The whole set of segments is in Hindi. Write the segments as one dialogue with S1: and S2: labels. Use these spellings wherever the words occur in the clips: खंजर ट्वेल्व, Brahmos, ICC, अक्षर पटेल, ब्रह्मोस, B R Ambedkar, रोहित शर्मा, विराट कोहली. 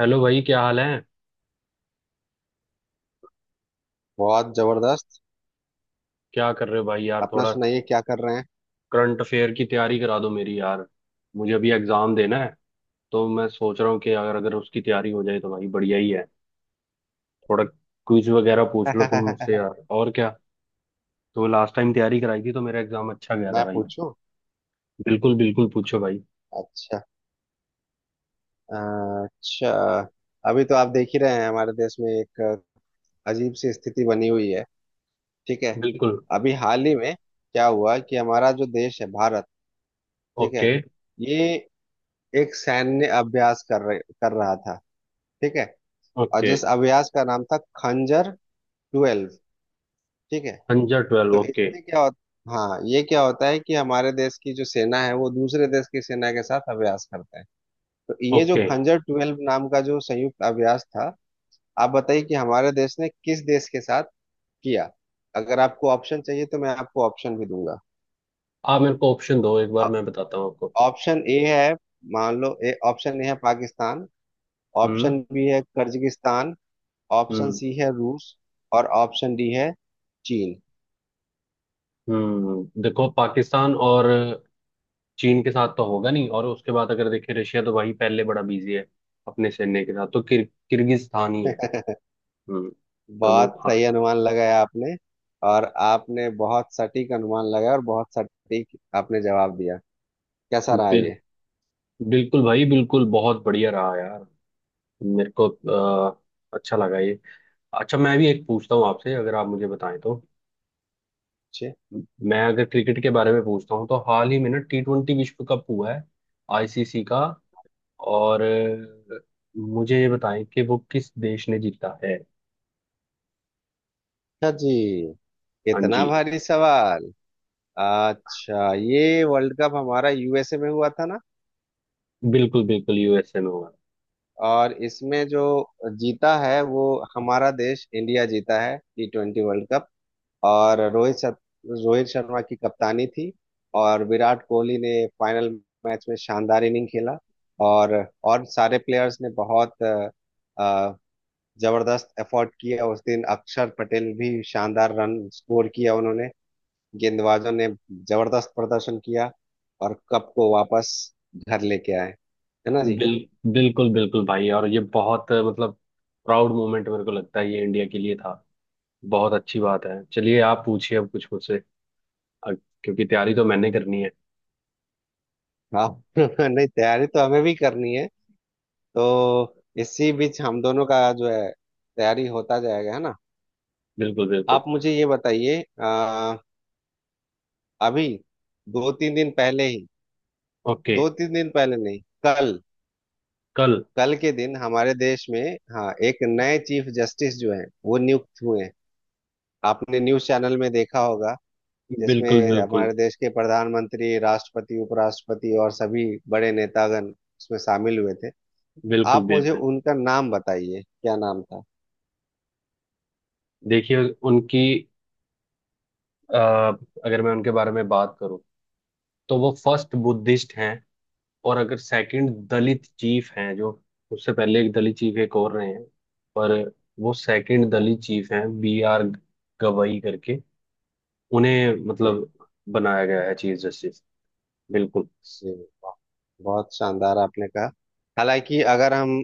S1: हेलो भाई, क्या हाल है।
S2: बहुत जबरदस्त।
S1: क्या कर रहे हो भाई यार।
S2: अपना
S1: थोड़ा
S2: सुनाइए क्या कर रहे
S1: करंट अफेयर की तैयारी करा दो मेरी यार। मुझे अभी एग्जाम देना है। तो मैं सोच रहा हूँ कि अगर अगर उसकी तैयारी हो जाए तो भाई बढ़िया ही है। थोड़ा क्विज वगैरह पूछ लो तुम मुझसे
S2: हैं।
S1: यार, और क्या। तो लास्ट टाइम तैयारी कराई थी तो मेरा एग्जाम अच्छा गया था
S2: मैं
S1: भाई।
S2: पूछूं।
S1: बिल्कुल बिल्कुल, पूछो भाई।
S2: अच्छा। अच्छा। अभी तो आप देख ही रहे हैं हमारे देश में एक अजीब सी स्थिति बनी हुई है। ठीक है।
S1: बिल्कुल।
S2: अभी हाल ही में क्या हुआ कि हमारा जो देश है भारत। ठीक है।
S1: ओके।
S2: ये एक सैन्य अभ्यास कर रहा था। ठीक है। और
S1: ओके,
S2: जिस अभ्यास का नाम था खंजर 12। ठीक है।
S1: अंजर 12,
S2: तो
S1: ओके।
S2: इसमें क्या होता, हाँ ये क्या होता है कि हमारे देश की जो सेना है वो दूसरे देश की सेना के साथ अभ्यास करते हैं। तो ये जो
S1: ओके,
S2: खंजर 12 नाम का जो संयुक्त अभ्यास था, आप बताइए कि हमारे देश ने किस देश के साथ किया। अगर आपको ऑप्शन चाहिए तो मैं आपको ऑप्शन भी दूंगा।
S1: आप मेरे को ऑप्शन दो, एक बार
S2: अ-
S1: मैं बताता हूँ आपको।
S2: ऑप्शन ए है। मान लो ए, ऑप्शन ए है पाकिस्तान।
S1: हम्म।
S2: ऑप्शन बी है कर्जिगिस्तान। Option
S1: hmm.
S2: सी है रूस। और ऑप्शन डी है चीन।
S1: हम्म, देखो पाकिस्तान और चीन के साथ तो होगा नहीं, और उसके बाद अगर देखें रशिया तो वही पहले बड़ा बिजी है अपने सैन्य के साथ, तो किर्गिस्तान ही है। हम्म। तो वो-
S2: बहुत
S1: हाँ।
S2: सही अनुमान लगाया आपने। और आपने बहुत सटीक अनुमान लगाया और बहुत सटीक आपने जवाब दिया। कैसा रहा
S1: बिल,
S2: ये।
S1: बिल्कुल भाई, बिल्कुल बहुत बढ़िया रहा यार। मेरे को अच्छा लगा ये। अच्छा, मैं भी एक पूछता हूँ आपसे, अगर आप मुझे बताएं तो।
S2: अच्छे।
S1: मैं अगर क्रिकेट के बारे में पूछता हूँ तो हाल ही में ना टी20 विश्व कप हुआ है आईसीसी का। और मुझे ये बताएं कि वो किस देश ने जीता है।
S2: अच्छा जी,
S1: हाँ जी।
S2: इतना भारी सवाल। अच्छा ये वर्ल्ड कप हमारा यूएसए में हुआ था ना।
S1: बिल्कुल बिल्कुल, यूएसए में हुआ।
S2: और इसमें जो जीता है वो हमारा देश इंडिया जीता है T20 वर्ल्ड कप। और रोहित शर्मा की कप्तानी थी। और विराट कोहली ने फाइनल मैच में शानदार इनिंग खेला। और सारे प्लेयर्स ने बहुत अ, जबरदस्त एफर्ट किया। उस दिन अक्षर पटेल भी शानदार रन स्कोर किया उन्होंने। गेंदबाजों ने जबरदस्त प्रदर्शन किया। और कप को वापस घर लेके आए। है ना जी।
S1: बिल बिल्कुल बिल्कुल भाई, और ये बहुत मतलब प्राउड मोमेंट मेरे को लगता है ये इंडिया के लिए था। बहुत अच्छी बात है, चलिए आप पूछिए अब कुछ मुझसे। अ- क्योंकि तैयारी तो मैंने करनी है।
S2: हाँ। नहीं, तैयारी तो हमें भी करनी है। तो इसी बीच हम दोनों का जो है, तैयारी होता जाएगा, है ना।
S1: बिल्कुल बिल्कुल।
S2: आप मुझे ये बताइए अभी दो तीन दिन पहले ही,
S1: ओके।
S2: दो तीन दिन पहले नहीं, कल।
S1: कल।
S2: कल के दिन हमारे देश में, हाँ, एक नए चीफ जस्टिस जो हैं वो नियुक्त हुए हैं। आपने न्यूज चैनल में देखा होगा
S1: बिल्कुल
S2: जिसमें
S1: बिल्कुल
S2: हमारे देश के प्रधानमंत्री, राष्ट्रपति, उपराष्ट्रपति और सभी बड़े नेतागण उसमें शामिल हुए थे।
S1: बिल्कुल
S2: आप मुझे
S1: बिल्कुल।
S2: उनका नाम बताइए, क्या नाम था।
S1: देखिए, उनकी, अ, अगर मैं उनके बारे में बात करूं तो वो फर्स्ट बुद्धिस्ट हैं, और अगर सेकंड दलित चीफ हैं जो, उससे पहले एक दलित चीफ एक और रहे हैं, पर वो सेकंड
S2: अच्छा,
S1: दलित चीफ हैं, बी आर गवई करके उन्हें
S2: जी
S1: मतलब बनाया गया है चीफ जस्टिस। बिल्कुल।
S2: जी। बहुत शानदार आपने कहा। हालांकि अगर हम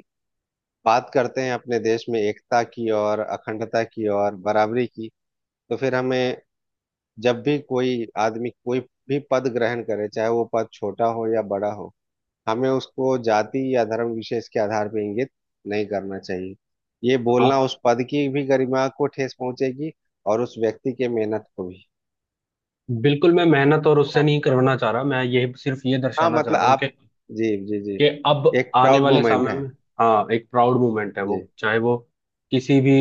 S2: बात करते हैं अपने देश में एकता की और अखंडता की और बराबरी की, तो फिर हमें जब भी कोई आदमी कोई भी पद ग्रहण करे, चाहे वो पद छोटा हो या बड़ा हो, हमें उसको जाति या धर्म विशेष के आधार पर इंगित नहीं करना चाहिए। ये
S1: हाँ,
S2: बोलना उस पद की भी गरिमा को ठेस पहुंचेगी और उस व्यक्ति के मेहनत को भी।
S1: बिल्कुल मैं मेहनत और
S2: है
S1: उससे
S2: ना।
S1: नहीं करवाना चाह रहा, मैं ये सिर्फ ये
S2: हाँ
S1: दर्शाना चाह
S2: मतलब
S1: रहा हूँ कि
S2: आप, जी जी जी,
S1: कि अब
S2: एक
S1: आने
S2: प्राउड
S1: वाले
S2: मोमेंट
S1: समय
S2: है।
S1: में, हाँ एक प्राउड मूवमेंट है, वो
S2: जी
S1: चाहे वो किसी भी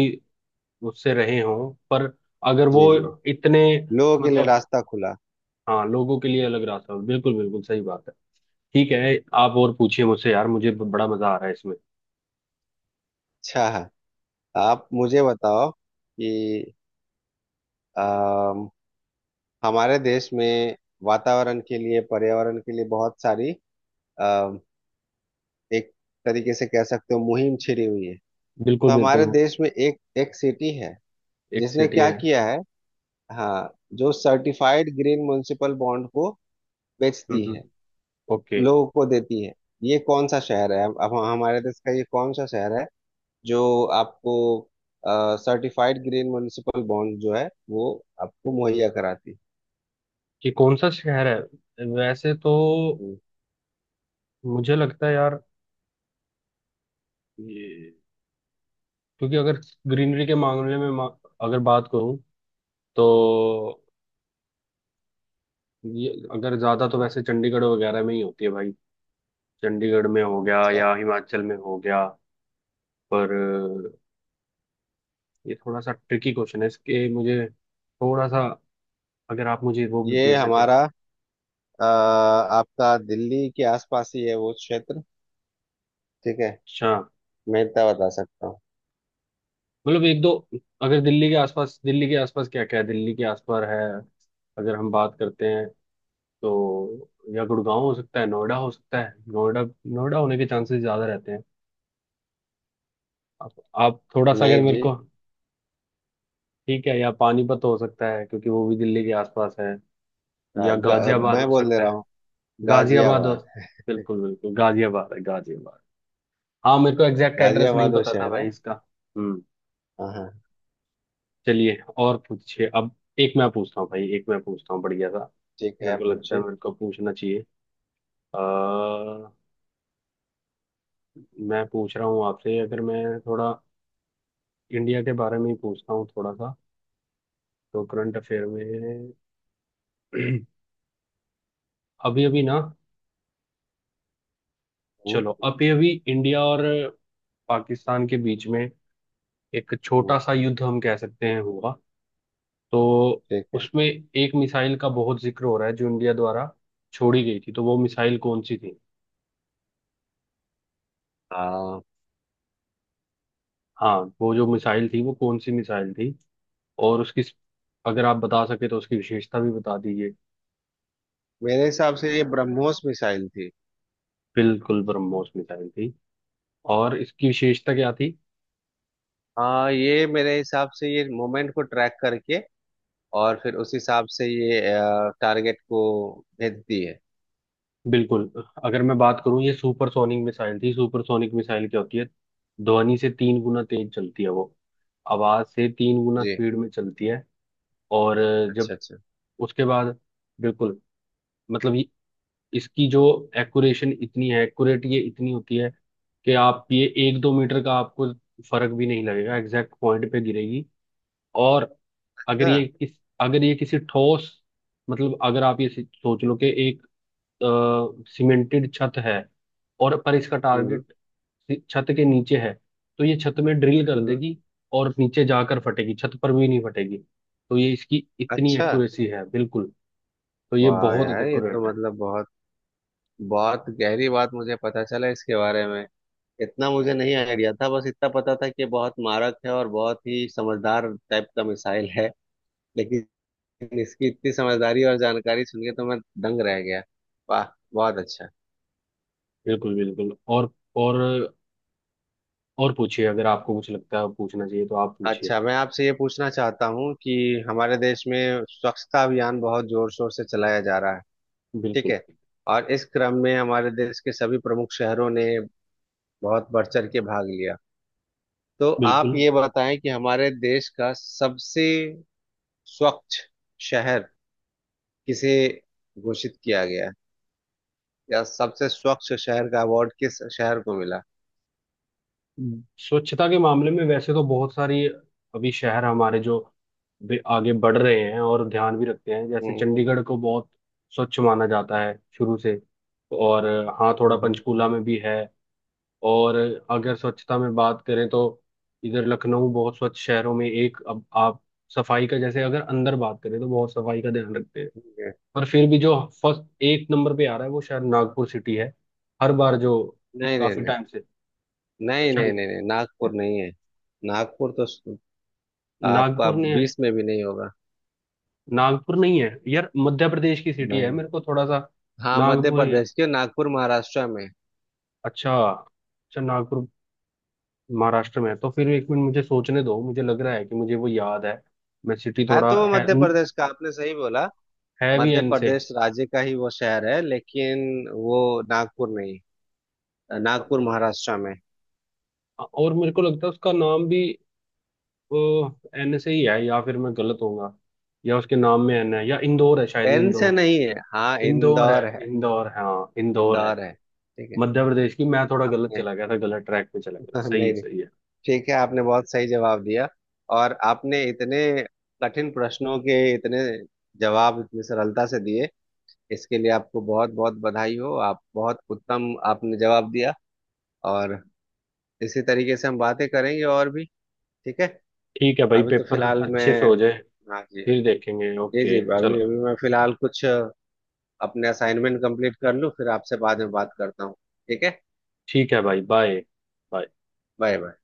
S1: उससे रहे हों, पर अगर वो
S2: जी जी,
S1: इतने
S2: लोगों के लिए
S1: मतलब,
S2: रास्ता खुला।
S1: हाँ लोगों के लिए अलग रास्ता हो, बिल्कुल बिल्कुल सही बात है। ठीक है, आप और पूछिए मुझसे यार, मुझे बड़ा मजा आ रहा है इसमें।
S2: अच्छा, आप मुझे बताओ कि अम, हमारे देश में वातावरण के लिए, पर्यावरण के लिए बहुत सारी, अम, एक तरीके से कह सकते हो, मुहिम छिड़ी हुई है।
S1: बिल्कुल
S2: तो
S1: बिल्कुल।
S2: हमारे देश में एक एक सिटी है
S1: एक
S2: जिसने
S1: सिटी
S2: क्या
S1: है।
S2: किया है। हाँ, जो सर्टिफाइड ग्रीन म्युनिसिपल बॉन्ड को
S1: हम्म,
S2: बेचती है,
S1: ओके।
S2: लोगों को देती है। ये कौन सा शहर है, अब हमारे देश का ये कौन सा शहर है जो आपको सर्टिफाइड ग्रीन म्युनिसिपल बॉन्ड जो है वो आपको मुहैया कराती है।
S1: कि कौन सा शहर है वैसे तो,
S2: हम्म।
S1: मुझे लगता है यार ये, क्योंकि अगर ग्रीनरी के मामले में अगर बात करूं तो ये अगर ज्यादा तो वैसे चंडीगढ़ वगैरह में ही होती है भाई, चंडीगढ़ में हो गया
S2: अच्छा
S1: या हिमाचल में हो गया। पर अ, ये थोड़ा सा ट्रिकी क्वेश्चन है, इसके मुझे थोड़ा सा, अगर आप मुझे वो भी दे
S2: ये
S1: सकें।
S2: हमारा आपका, दिल्ली के आसपास ही है वो क्षेत्र। ठीक है।
S1: अच्छा,
S2: मैं इतना बता सकता हूँ।
S1: मतलब एक दो, अगर दिल्ली के आसपास क्या क्या है, दिल्ली के आसपास है, अगर हम बात करते हैं तो, या गुड़गांव हो सकता है, नोएडा हो सकता है। नोएडा, नोएडा होने के चांसेस ज्यादा रहते हैं। आप आप थोड़ा सा अगर
S2: नहीं
S1: मेरे
S2: जी,
S1: को, ठीक है, या पानीपत हो सकता है क्योंकि वो भी दिल्ली के आसपास है,
S2: गा,
S1: या
S2: गा,
S1: गाजियाबाद
S2: मैं
S1: हो
S2: बोल दे
S1: सकता
S2: रहा
S1: है,
S2: हूँ।
S1: गाजियाबाद हो,
S2: गाजियाबाद।
S1: बिल्कुल बिल्कुल, गाजियाबाद है गाजियाबाद। हाँ मेरे को एग्जैक्ट एड्रेस नहीं
S2: गाजियाबाद वो
S1: पता था
S2: शहर है।
S1: भाई इसका। हम्म।
S2: हाँ हाँ।
S1: चलिए और पूछिए अब। एक मैं पूछता हूँ भाई, एक मैं पूछता हूँ बढ़िया सा।
S2: ठीक है
S1: मेरे
S2: आप
S1: को लगता है
S2: पूछिए।
S1: मेरे को पूछना चाहिए। आ, मैं पूछ रहा हूँ आपसे, अगर मैं थोड़ा इंडिया के बारे में ही पूछता हूँ थोड़ा सा। तो करंट अफेयर में अभी अभी ना,
S2: हम्म
S1: चलो अभी अभी इंडिया और पाकिस्तान के बीच में एक
S2: हम्म।
S1: छोटा सा युद्ध हम कह सकते हैं हुआ। तो
S2: ठीक है।
S1: उसमें एक मिसाइल का बहुत जिक्र हो रहा है जो इंडिया द्वारा छोड़ी गई थी, तो वो मिसाइल कौन सी थी।
S2: हाँ
S1: हाँ, वो जो मिसाइल थी वो कौन सी मिसाइल थी, और उसकी, अगर आप बता सके तो उसकी विशेषता भी बता दीजिए।
S2: मेरे हिसाब से ये ब्रह्मोस मिसाइल थी।
S1: बिल्कुल ब्रह्मोस मिसाइल थी, और इसकी विशेषता क्या थी।
S2: हाँ, ये मेरे हिसाब से ये मोमेंट को ट्रैक करके और फिर उस हिसाब से ये टारगेट को भेजती है।
S1: बिल्कुल, अगर मैं बात करूं ये सुपरसोनिक मिसाइल थी। सुपरसोनिक मिसाइल क्या होती है, ध्वनि से तीन गुना तेज चलती है वो, आवाज से तीन गुना
S2: जी।
S1: स्पीड में चलती है। और जब
S2: अच्छा अच्छा।
S1: उसके बाद, बिल्कुल, मतलब इसकी जो एक्यूरेशन इतनी है, एक्यूरेट ये इतनी होती है कि आप ये एक दो मीटर का आपको फर्क भी नहीं लगेगा, एग्जैक्ट पॉइंट पे गिरेगी। और अगर
S2: अच्छा।
S1: ये किस अगर ये किसी ठोस, मतलब अगर आप ये सोच लो कि एक सीमेंटेड छत है, और पर इसका
S2: हम्म
S1: टारगेट छत के नीचे है, तो ये छत में ड्रिल कर
S2: हम्म।
S1: देगी, और नीचे जाकर फटेगी, छत पर भी नहीं फटेगी। तो ये इसकी इतनी
S2: अच्छा।
S1: एक्यूरेसी है, बिल्कुल। तो ये
S2: वाह
S1: बहुत
S2: यार, ये
S1: एक्यूरेट
S2: तो
S1: है।
S2: मतलब बहुत बहुत गहरी बात मुझे पता चला इसके बारे में। इतना मुझे नहीं आइडिया था, बस इतना पता था कि ये बहुत मारक है और बहुत ही समझदार टाइप का मिसाइल है। लेकिन इसकी इतनी समझदारी और जानकारी सुन के तो मैं दंग रह गया। वाह, बहुत अच्छा।
S1: बिल्कुल बिल्कुल, और और पूछिए, अगर आपको कुछ लगता है पूछना चाहिए तो आप पूछिए।
S2: अच्छा मैं आपसे ये पूछना चाहता हूँ कि हमारे देश में स्वच्छता अभियान बहुत जोर शोर से चलाया जा रहा है। ठीक
S1: बिल्कुल
S2: है। और इस क्रम में हमारे देश के सभी प्रमुख शहरों ने बहुत बढ़ चढ़ के भाग लिया। तो आप
S1: बिल्कुल।
S2: ये बताएं कि हमारे देश का सबसे स्वच्छ शहर किसे घोषित किया गया, या सबसे स्वच्छ शहर का अवार्ड किस शहर को मिला।
S1: स्वच्छता के मामले में वैसे तो बहुत सारी, अभी शहर हमारे जो भी आगे बढ़ रहे हैं और ध्यान भी रखते हैं, जैसे
S2: हम्म
S1: चंडीगढ़ को बहुत स्वच्छ माना जाता है शुरू से। और हाँ थोड़ा
S2: हम्म। हम्म।
S1: पंचकूला में भी है। और अगर स्वच्छता में बात करें तो इधर लखनऊ बहुत स्वच्छ शहरों में एक। अब आप सफाई का, जैसे अगर अंदर बात करें तो बहुत सफाई का ध्यान रखते हैं। पर फिर भी जो फर्स्ट एक नंबर पे आ रहा है वो शायद नागपुर सिटी है हर बार, जो
S2: नहीं नहीं
S1: काफी
S2: नहीं
S1: टाइम से।
S2: नहीं
S1: अच्छा,
S2: नहीं नहीं नहीं, नागपुर नहीं है। नागपुर तो आपका
S1: नागपुर ने,
S2: 20 में भी नहीं होगा।
S1: नागपुर नहीं है यार, मध्य प्रदेश की सिटी है,
S2: नहीं नहीं।
S1: मेरे को थोड़ा सा।
S2: हाँ, मध्य
S1: नागपुर ही है।
S2: प्रदेश के, नागपुर महाराष्ट्र में
S1: अच्छा अच्छा, नागपुर महाराष्ट्र में है तो फिर, एक मिनट मुझे सोचने दो, मुझे लग रहा है कि मुझे वो याद है। मैं सिटी
S2: है
S1: थोड़ा
S2: तो वो
S1: है
S2: मध्य प्रदेश का आपने सही बोला।
S1: है भी
S2: मध्य
S1: एन से,
S2: प्रदेश राज्य का ही वो शहर है लेकिन वो नागपुर नहीं। नागपुर महाराष्ट्र में।
S1: और मेरे को लगता है उसका नाम भी एन से ही है, या फिर मैं गलत होऊंगा, या उसके नाम में एन है, या इंदौर है शायद,
S2: एन से
S1: इंदौर,
S2: नहीं है, हाँ
S1: इंदौर है
S2: इंदौर है।
S1: इंदौर, हाँ इंदौर है।
S2: इंदौर है, ठीक है।
S1: मध्य प्रदेश की, मैं थोड़ा गलत
S2: आपने
S1: चला गया था, गलत ट्रैक पे चला गया था,
S2: नहीं
S1: सही है
S2: नहीं,
S1: सही है।
S2: ठीक है, आपने बहुत सही जवाब दिया। और आपने इतने कठिन प्रश्नों के इतने जवाब इतनी सरलता से दिए। इसके लिए आपको बहुत बहुत बधाई हो, आप बहुत उत्तम आपने जवाब दिया। और इसी तरीके से हम बातें करेंगे और भी। ठीक है।
S1: ठीक है भाई,
S2: अभी तो
S1: पेपर
S2: फिलहाल
S1: अच्छे से
S2: मैं,
S1: हो जाए,
S2: हाँ जी।
S1: फिर देखेंगे,
S2: जी जी,
S1: ओके
S2: अभी
S1: चलो।
S2: अभी मैं फिलहाल कुछ अपने असाइनमेंट कंप्लीट कर लूँ, फिर आपसे बाद में बात करता हूँ। ठीक है।
S1: ठीक है भाई, बाय। बाय।
S2: Bye bye.